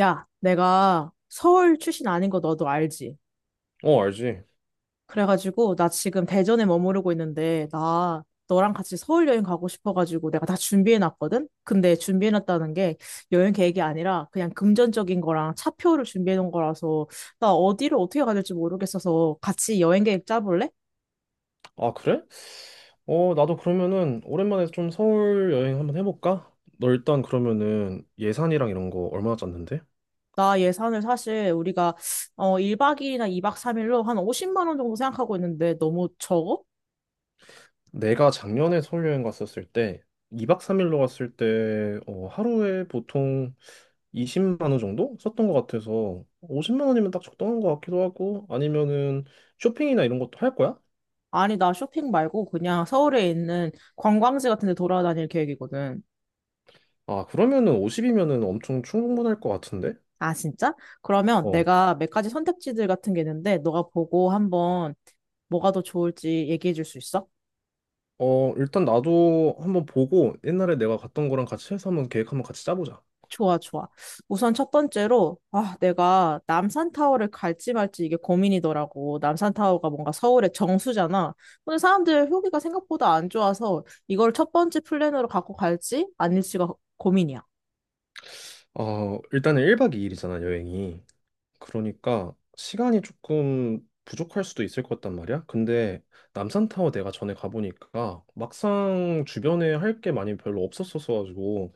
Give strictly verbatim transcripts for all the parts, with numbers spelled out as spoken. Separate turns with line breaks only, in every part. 야, 내가 서울 출신 아닌 거 너도 알지?
어, 알지.
그래가지고, 나 지금 대전에 머무르고 있는데, 나 너랑 같이 서울 여행 가고 싶어가지고, 내가 다 준비해놨거든? 근데 준비해놨다는 게 여행 계획이 아니라 그냥 금전적인 거랑 차표를 준비해놓은 거라서, 나 어디를 어떻게 가야 될지 모르겠어서 같이 여행 계획 짜볼래?
아, 그래? 어, 나도 그러면은 오랜만에 좀 서울 여행 한번 해볼까? 너 일단 그러면은 예산이랑 이런 거 얼마나 짰는데?
나 예산을 사실 우리가 어, 일 박 이 일이나 이 박 삼 일로 한 오십만 원 정도 생각하고 있는데 너무 적어?
내가 작년에 서울 여행 갔었을 때 이 박 삼 일로 갔을 때 어, 하루에 보통 이십만 원 정도 썼던 것 같아서 오십만 원이면 딱 적당한 것 같기도 하고 아니면은 쇼핑이나 이런 것도 할 거야?
아니, 나 쇼핑 말고 그냥 서울에 있는 관광지 같은 데 돌아다닐 계획이거든.
아, 그러면은 오십이면은 엄청 충분할 것 같은데?
아, 진짜? 그러면
어.
내가 몇 가지 선택지들 같은 게 있는데, 너가 보고 한번 뭐가 더 좋을지 얘기해 줄 수 있어?
어, 일단 나도 한번 보고 옛날에 내가 갔던 거랑 같이 해서 한번 계획 한번 같이 짜보자.
좋아, 좋아. 우선 첫 번째로, 아, 내가 남산타워를 갈지 말지 이게 고민이더라고. 남산타워가 뭔가 서울의 정수잖아. 근데 사람들 후기가 생각보다 안 좋아서 이걸 첫 번째 플랜으로 갖고 갈지 아닐지가 고민이야.
어, 일단은 일 박 이 일이잖아, 여행이. 그러니까 시간이 조금 부족할 수도 있을 것 같단 말이야. 근데 남산타워 내가 전에 가보니까 막상 주변에 할 게 많이 별로 없었어가지고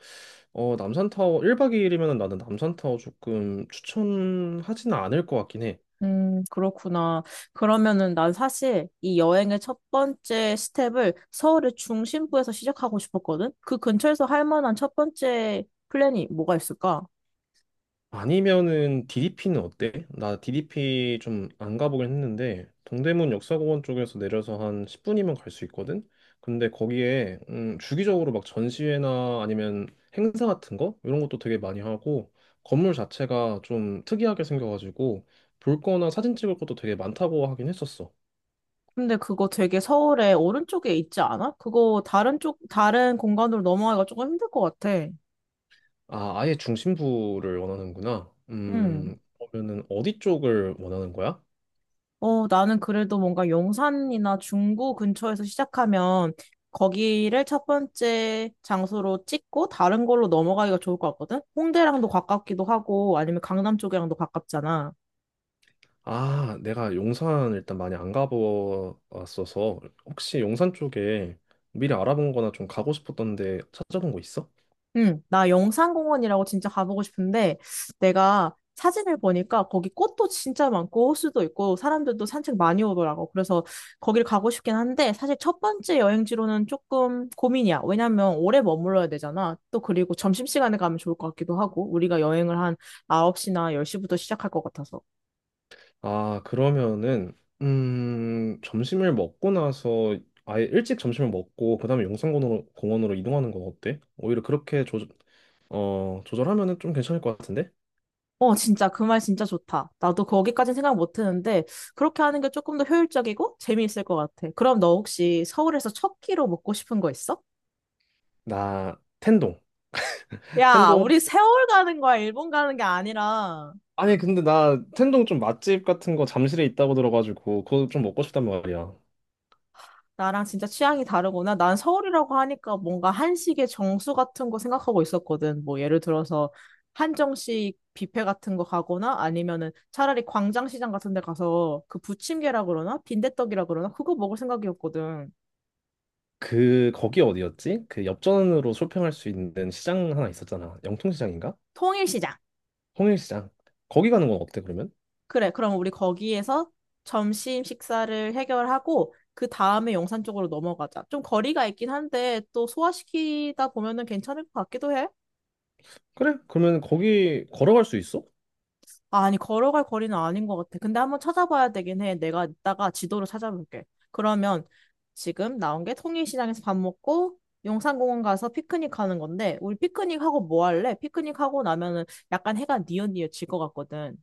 어, 남산타워 일 박 이 일이면 나는 남산타워 조금 추천하지는 않을 것 같긴 해.
음, 그렇구나. 그러면은 난 사실 이 여행의 첫 번째 스텝을 서울의 중심부에서 시작하고 싶었거든? 그 근처에서 할 만한 첫 번째 플랜이 뭐가 있을까?
아니면은 디디피는 어때? 나 디디피 좀 안 가보긴 했는데 동대문 역사공원 쪽에서 내려서 한 십 분이면 갈 수 있거든? 근데 거기에 음, 주기적으로 막 전시회나 아니면 행사 같은 거 이런 것도 되게 많이 하고 건물 자체가 좀 특이하게 생겨가지고 볼 거나 사진 찍을 것도 되게 많다고 하긴 했었어.
근데 그거 되게 서울의 오른쪽에 있지 않아? 그거 다른 쪽, 다른 공간으로 넘어가기가 조금 힘들 것 같아.
아, 아예 중심부를 원하는구나.
음.
음, 그러면은 어디 쪽을 원하는 거야?
어, 나는 그래도 뭔가 용산이나 중구 근처에서 시작하면 거기를 첫 번째 장소로 찍고 다른 걸로 넘어가기가 좋을 것 같거든? 홍대랑도 가깝기도 하고 아니면 강남 쪽이랑도 가깝잖아.
아, 내가 용산 일단 많이 안 가보았어서 혹시 용산 쪽에 미리 알아본 거나 좀 가고 싶었던데 찾아본 거 있어?
응, 나 영산공원이라고 진짜 가보고 싶은데, 내가 사진을 보니까 거기 꽃도 진짜 많고, 호수도 있고, 사람들도 산책 많이 오더라고. 그래서 거길 가고 싶긴 한데, 사실 첫 번째 여행지로는 조금 고민이야. 왜냐면 오래 머물러야 되잖아. 또 그리고 점심시간에 가면 좋을 것 같기도 하고, 우리가 여행을 한 아홉 시나 열 시부터 시작할 것 같아서.
아, 그러면은 음, 점심을 먹고 나서 아예 일찍 점심을 먹고 그다음에 용산공원으로 공원으로 이동하는 거 어때? 오히려 그렇게 조, 어, 조절하면은 좀 괜찮을 것 같은데?
어, 진짜, 그 말 진짜 좋다. 나도 거기까진 생각 못 했는데, 그렇게 하는 게 조금 더 효율적이고 재미있을 것 같아. 그럼 너 혹시 서울에서 첫 끼로 먹고 싶은 거 있어?
나 텐동.
야,
텐동
우리 세월 가는 거야, 일본 가는 게 아니라.
아니 근데 나 텐동 좀 맛집 같은 거 잠실에 있다고 들어가지고 그거 좀 먹고 싶단 말이야.
나랑 진짜 취향이 다르구나. 난 서울이라고 하니까 뭔가 한식의 정수 같은 거 생각하고 있었거든. 뭐 예를 들어서 한정식 뷔페 같은 거 가거나 아니면은 차라리 광장시장 같은 데 가서 그 부침개라 그러나 빈대떡이라 그러나 그거 먹을 생각이었거든.
그 거기 어디였지? 그 엽전으로 쇼핑할 수 있는 시장 하나 있었잖아. 영통시장인가?
통일시장.
홍일시장. 거기 가는 건 어때 그러면?
그래, 그럼 우리 거기에서 점심 식사를 해결하고 그 다음에 용산 쪽으로 넘어가자. 좀 거리가 있긴 한데 또 소화시키다 보면은 괜찮을 것 같기도 해.
그래? 그러면 거기 걸어갈 수 있어?
아, 아니, 걸어갈 거리는 아닌 것 같아. 근데 한번 찾아봐야 되긴 해. 내가 이따가 지도를 찾아볼게. 그러면 지금 나온 게 통일시장에서 밥 먹고 용산공원 가서 피크닉 하는 건데, 우리 피크닉 하고 뭐 할래? 피크닉 하고 나면은 약간 해가 뉘엿뉘엿 질것 같거든.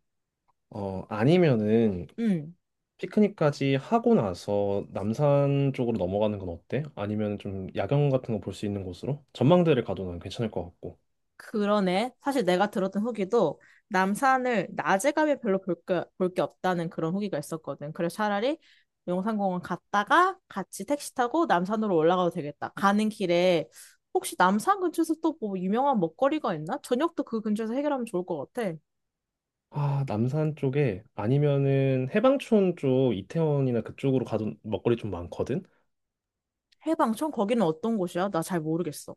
어 아니면은
응.
피크닉까지 하고 나서 남산 쪽으로 넘어가는 건 어때? 아니면 좀 야경 같은 거 볼 수 있는 곳으로? 전망대를 가도 난 괜찮을 것 같고.
그러네. 사실 내가 들었던 후기도 남산을 낮에 가면 별로 볼 게, 볼 게 없다는 그런 후기가 있었거든. 그래서 차라리 용산공원 갔다가 같이 택시 타고 남산으로 올라가도 되겠다. 가는 길에 혹시 남산 근처에서 또 뭐 유명한 먹거리가 있나? 저녁도 그 근처에서 해결하면 좋을 것 같아.
아 남산 쪽에 아니면은 해방촌 쪽 이태원이나 그쪽으로 가도 먹거리 좀 많거든.
해방촌? 거기는 어떤 곳이야? 나 잘 모르겠어.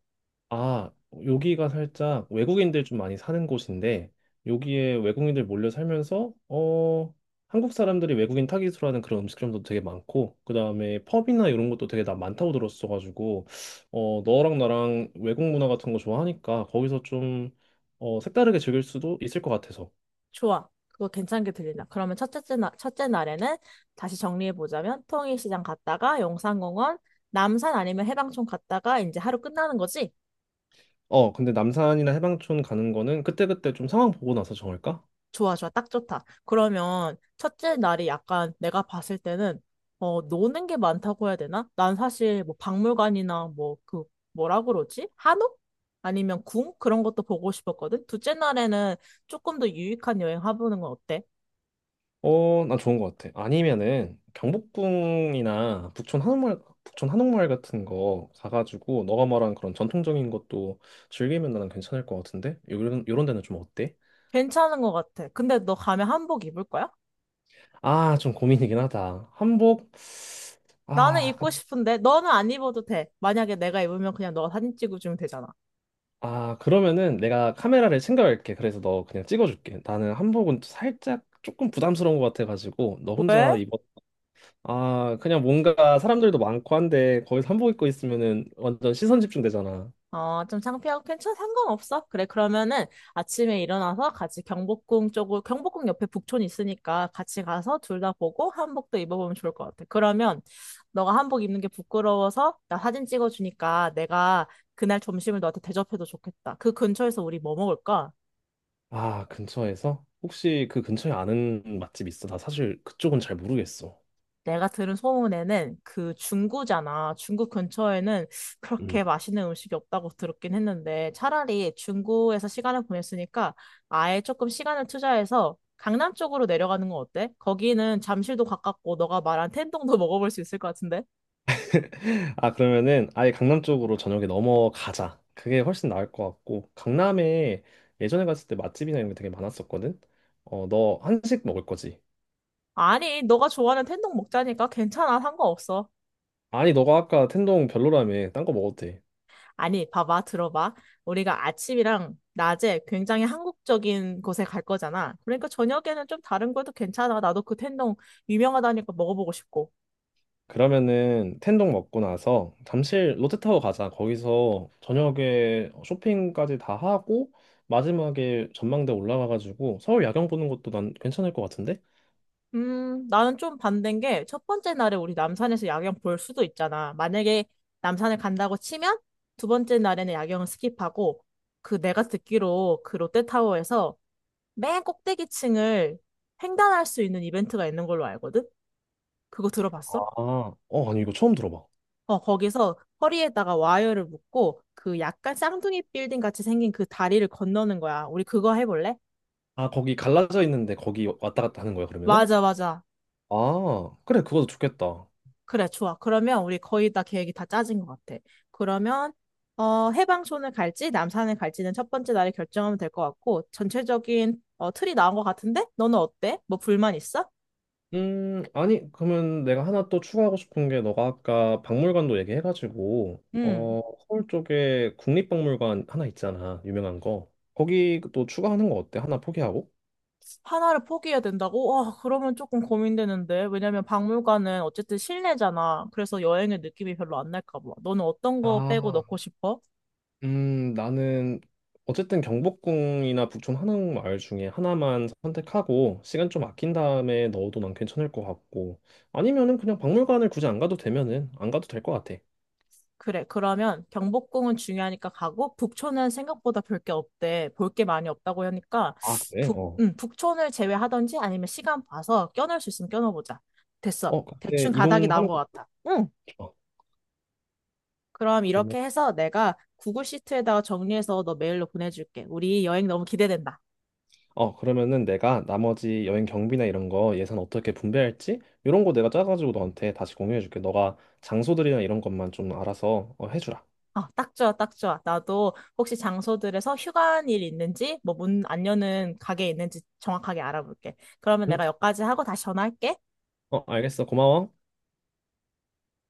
아, 여기가 살짝 외국인들 좀 많이 사는 곳인데, 여기에 외국인들 몰려 살면서, 어, 한국 사람들이 외국인 타깃으로 하는 그런 음식점도 되게 많고, 그 다음에 펍이나 이런 것도 되게 나 많다고 들었어가지고, 어, 너랑 나랑 외국 문화 같은 거 좋아하니까, 거기서 좀, 어, 색다르게 즐길 수도 있을 것 같아서.
좋아. 그거 괜찮게 들린다. 그러면 첫째 날, 첫째 날에는 다시 정리해보자면 통일시장 갔다가 용산공원, 남산 아니면 해방촌 갔다가 이제 하루 끝나는 거지?
어, 근데 남산이나 해방촌 가는 거는 그때그때 좀 상황 보고 나서 정할까?
좋아, 좋아. 딱 좋다. 그러면 첫째 날이 약간 내가 봤을 때는 어, 노는 게 많다고 해야 되나? 난 사실 뭐 박물관이나 뭐 그 뭐라 그러지? 한옥? 아니면 궁? 그런 것도 보고 싶었거든. 둘째 날에는 조금 더 유익한 여행 해보는 건 어때?
어, 나 좋은 것 같아. 아니면은 경복궁이나 북촌 한옥마을, 북촌 한옥마을 같은 거 가가지고 너가 말한 그런 전통적인 것도 즐기면 나는 괜찮을 것 같은데? 요런, 요런 데는 좀 어때?
괜찮은 것 같아. 근데 너 가면 한복 입을 거야?
아, 좀 고민이긴 하다. 한복?
나는
아, 그-
입고 싶은데 너는 안 입어도 돼. 만약에 내가 입으면 그냥 너가 사진 찍어주면 되잖아.
아, 그러면은 내가 카메라를 챙겨갈게. 그래서 너 그냥 찍어줄게. 나는 한복은 살짝 조금 부담스러운 것 같아가지고 너 혼자
왜?
입었 아, 그냥 뭔가 사람들도 많고 한데 거기서 한복 입고 있으면은 완전 시선 집중되잖아.
어, 좀 창피하고 괜찮아. 상관없어. 그래, 그러면은 아침에 일어나서 같이 경복궁 쪽으로, 경복궁 옆에 북촌 있으니까 같이 가서 둘 다 보고 한복도 입어보면 좋을 것 같아. 그러면 너가 한복 입는 게 부끄러워서 나 사진 찍어주니까 내가 그날 점심을 너한테 대접해도 좋겠다. 그 근처에서 우리 뭐 먹을까?
아, 근처에서? 혹시 그 근처에 아는 맛집 있어? 나 사실 그쪽은 잘 모르겠어.
내가 들은 소문에는 그 중구잖아. 중구 근처에는 그렇게
음.
맛있는 음식이 없다고 들었긴 했는데 차라리 중구에서 시간을 보냈으니까 아예 조금 시간을 투자해서 강남 쪽으로 내려가는 건 어때? 거기는 잠실도 가깝고 너가 말한 텐동도 먹어볼 수 있을 것 같은데?
아, 그러면은 아예 강남 쪽으로 저녁에 넘어가자. 그게 훨씬 나을 것 같고, 강남에 예전에 갔을 때 맛집이나 이런 게 되게 많았었거든? 어, 너 한식 먹을 거지?
아니, 너가 좋아하는 텐동 먹자니까 괜찮아. 상관없어.
아니, 너가 아까 텐동 별로라며. 딴 거 먹어도 돼.
아니, 봐봐, 들어봐. 우리가 아침이랑 낮에 굉장히 한국적인 곳에 갈 거잖아. 그러니까 저녁에는 좀 다른 것도 괜찮아. 나도 그 텐동 유명하다니까 먹어보고 싶고.
그러면은 텐동 먹고 나서 잠실 롯데타워 가자. 거기서 저녁에 쇼핑까지 다 하고 마지막에 전망대 올라가가지고 서울 야경 보는 것도 난 괜찮을 것 같은데?
음, 나는 좀 반대인 게 첫 번째 날에 우리 남산에서 야경 볼 수도 있잖아. 만약에 남산을 간다고 치면 두 번째 날에는 야경을 스킵하고 그 내가 듣기로 그 롯데타워에서 맨 꼭대기 층을 횡단할 수 있는 이벤트가 있는 걸로 알거든? 그거 들어봤어?
아, 어, 아니 이거 처음 들어봐.
어, 거기서 허리에다가 와이어를 묶고 그 약간 쌍둥이 빌딩 같이 생긴 그 다리를 건너는 거야. 우리 그거 해볼래?
아, 거기 갈라져 있는데 거기 왔다 갔다 하는 거야, 그러면은?
맞아, 맞아.
아, 그래, 그것도 좋겠다.
그래, 좋아. 그러면 우리 거의 다 계획이 다 짜진 것 같아. 그러면 어, 해방촌을 갈지 남산을 갈지는 첫 번째 날에 결정하면 될 것 같고 전체적인 어, 틀이 나온 것 같은데? 너는 어때? 뭐 불만 있어?
음, 아니, 그러면 내가 하나 또 추가하고 싶은 게 너가 아까 박물관도 얘기해가지고,
응.
어, 서울 쪽에 국립박물관 하나 있잖아, 유명한 거. 거기 또 추가하는 거 어때? 하나 포기하고?
하나를 포기해야 된다고? 와, 그러면 조금 고민되는데. 왜냐면 박물관은 어쨌든 실내잖아. 그래서 여행의 느낌이 별로 안 날까 봐. 너는 어떤 거 빼고 넣고
아,
싶어?
음, 나는 어쨌든 경복궁이나 북촌 한옥마을 중에 하나만 선택하고 시간 좀 아낀 다음에 넣어도 난 괜찮을 것 같고 아니면은 그냥 박물관을 굳이 안 가도 되면은 안 가도 될 것 같아.
그래, 그러면 경복궁은 중요하니까 가고, 북촌은 생각보다 볼 게 없대. 볼 게 많이 없다고 하니까,
아, 그래?
북,
어.
음, 북촌을 제외하던지 아니면 시간 봐서 껴넣을 수 있으면 껴넣어보자. 됐어.
어, 그때
대충 가닥이 나온
이동하는
것
거
같아. 응.
좋아.
그럼 이렇게 해서 내가 구글 시트에다가 정리해서 너 메일로 보내줄게. 우리 여행 너무 기대된다.
어, 그러면은 내가 나머지 여행 경비나 이런 거 예산 어떻게 분배할지 이런 거 내가 짜가지고 너한테 다시 공유해줄게. 너가 장소들이나 이런 것만 좀 알아서 어, 해주라.
아, 딱 좋아, 딱 좋아. 나도 혹시 장소들에서 휴관일 있는지, 뭐 문 안 여는 가게 있는지 정확하게 알아볼게. 그러면
응?
내가 여기까지 하고 다시 전화할게.
어, 알겠어. 고마워.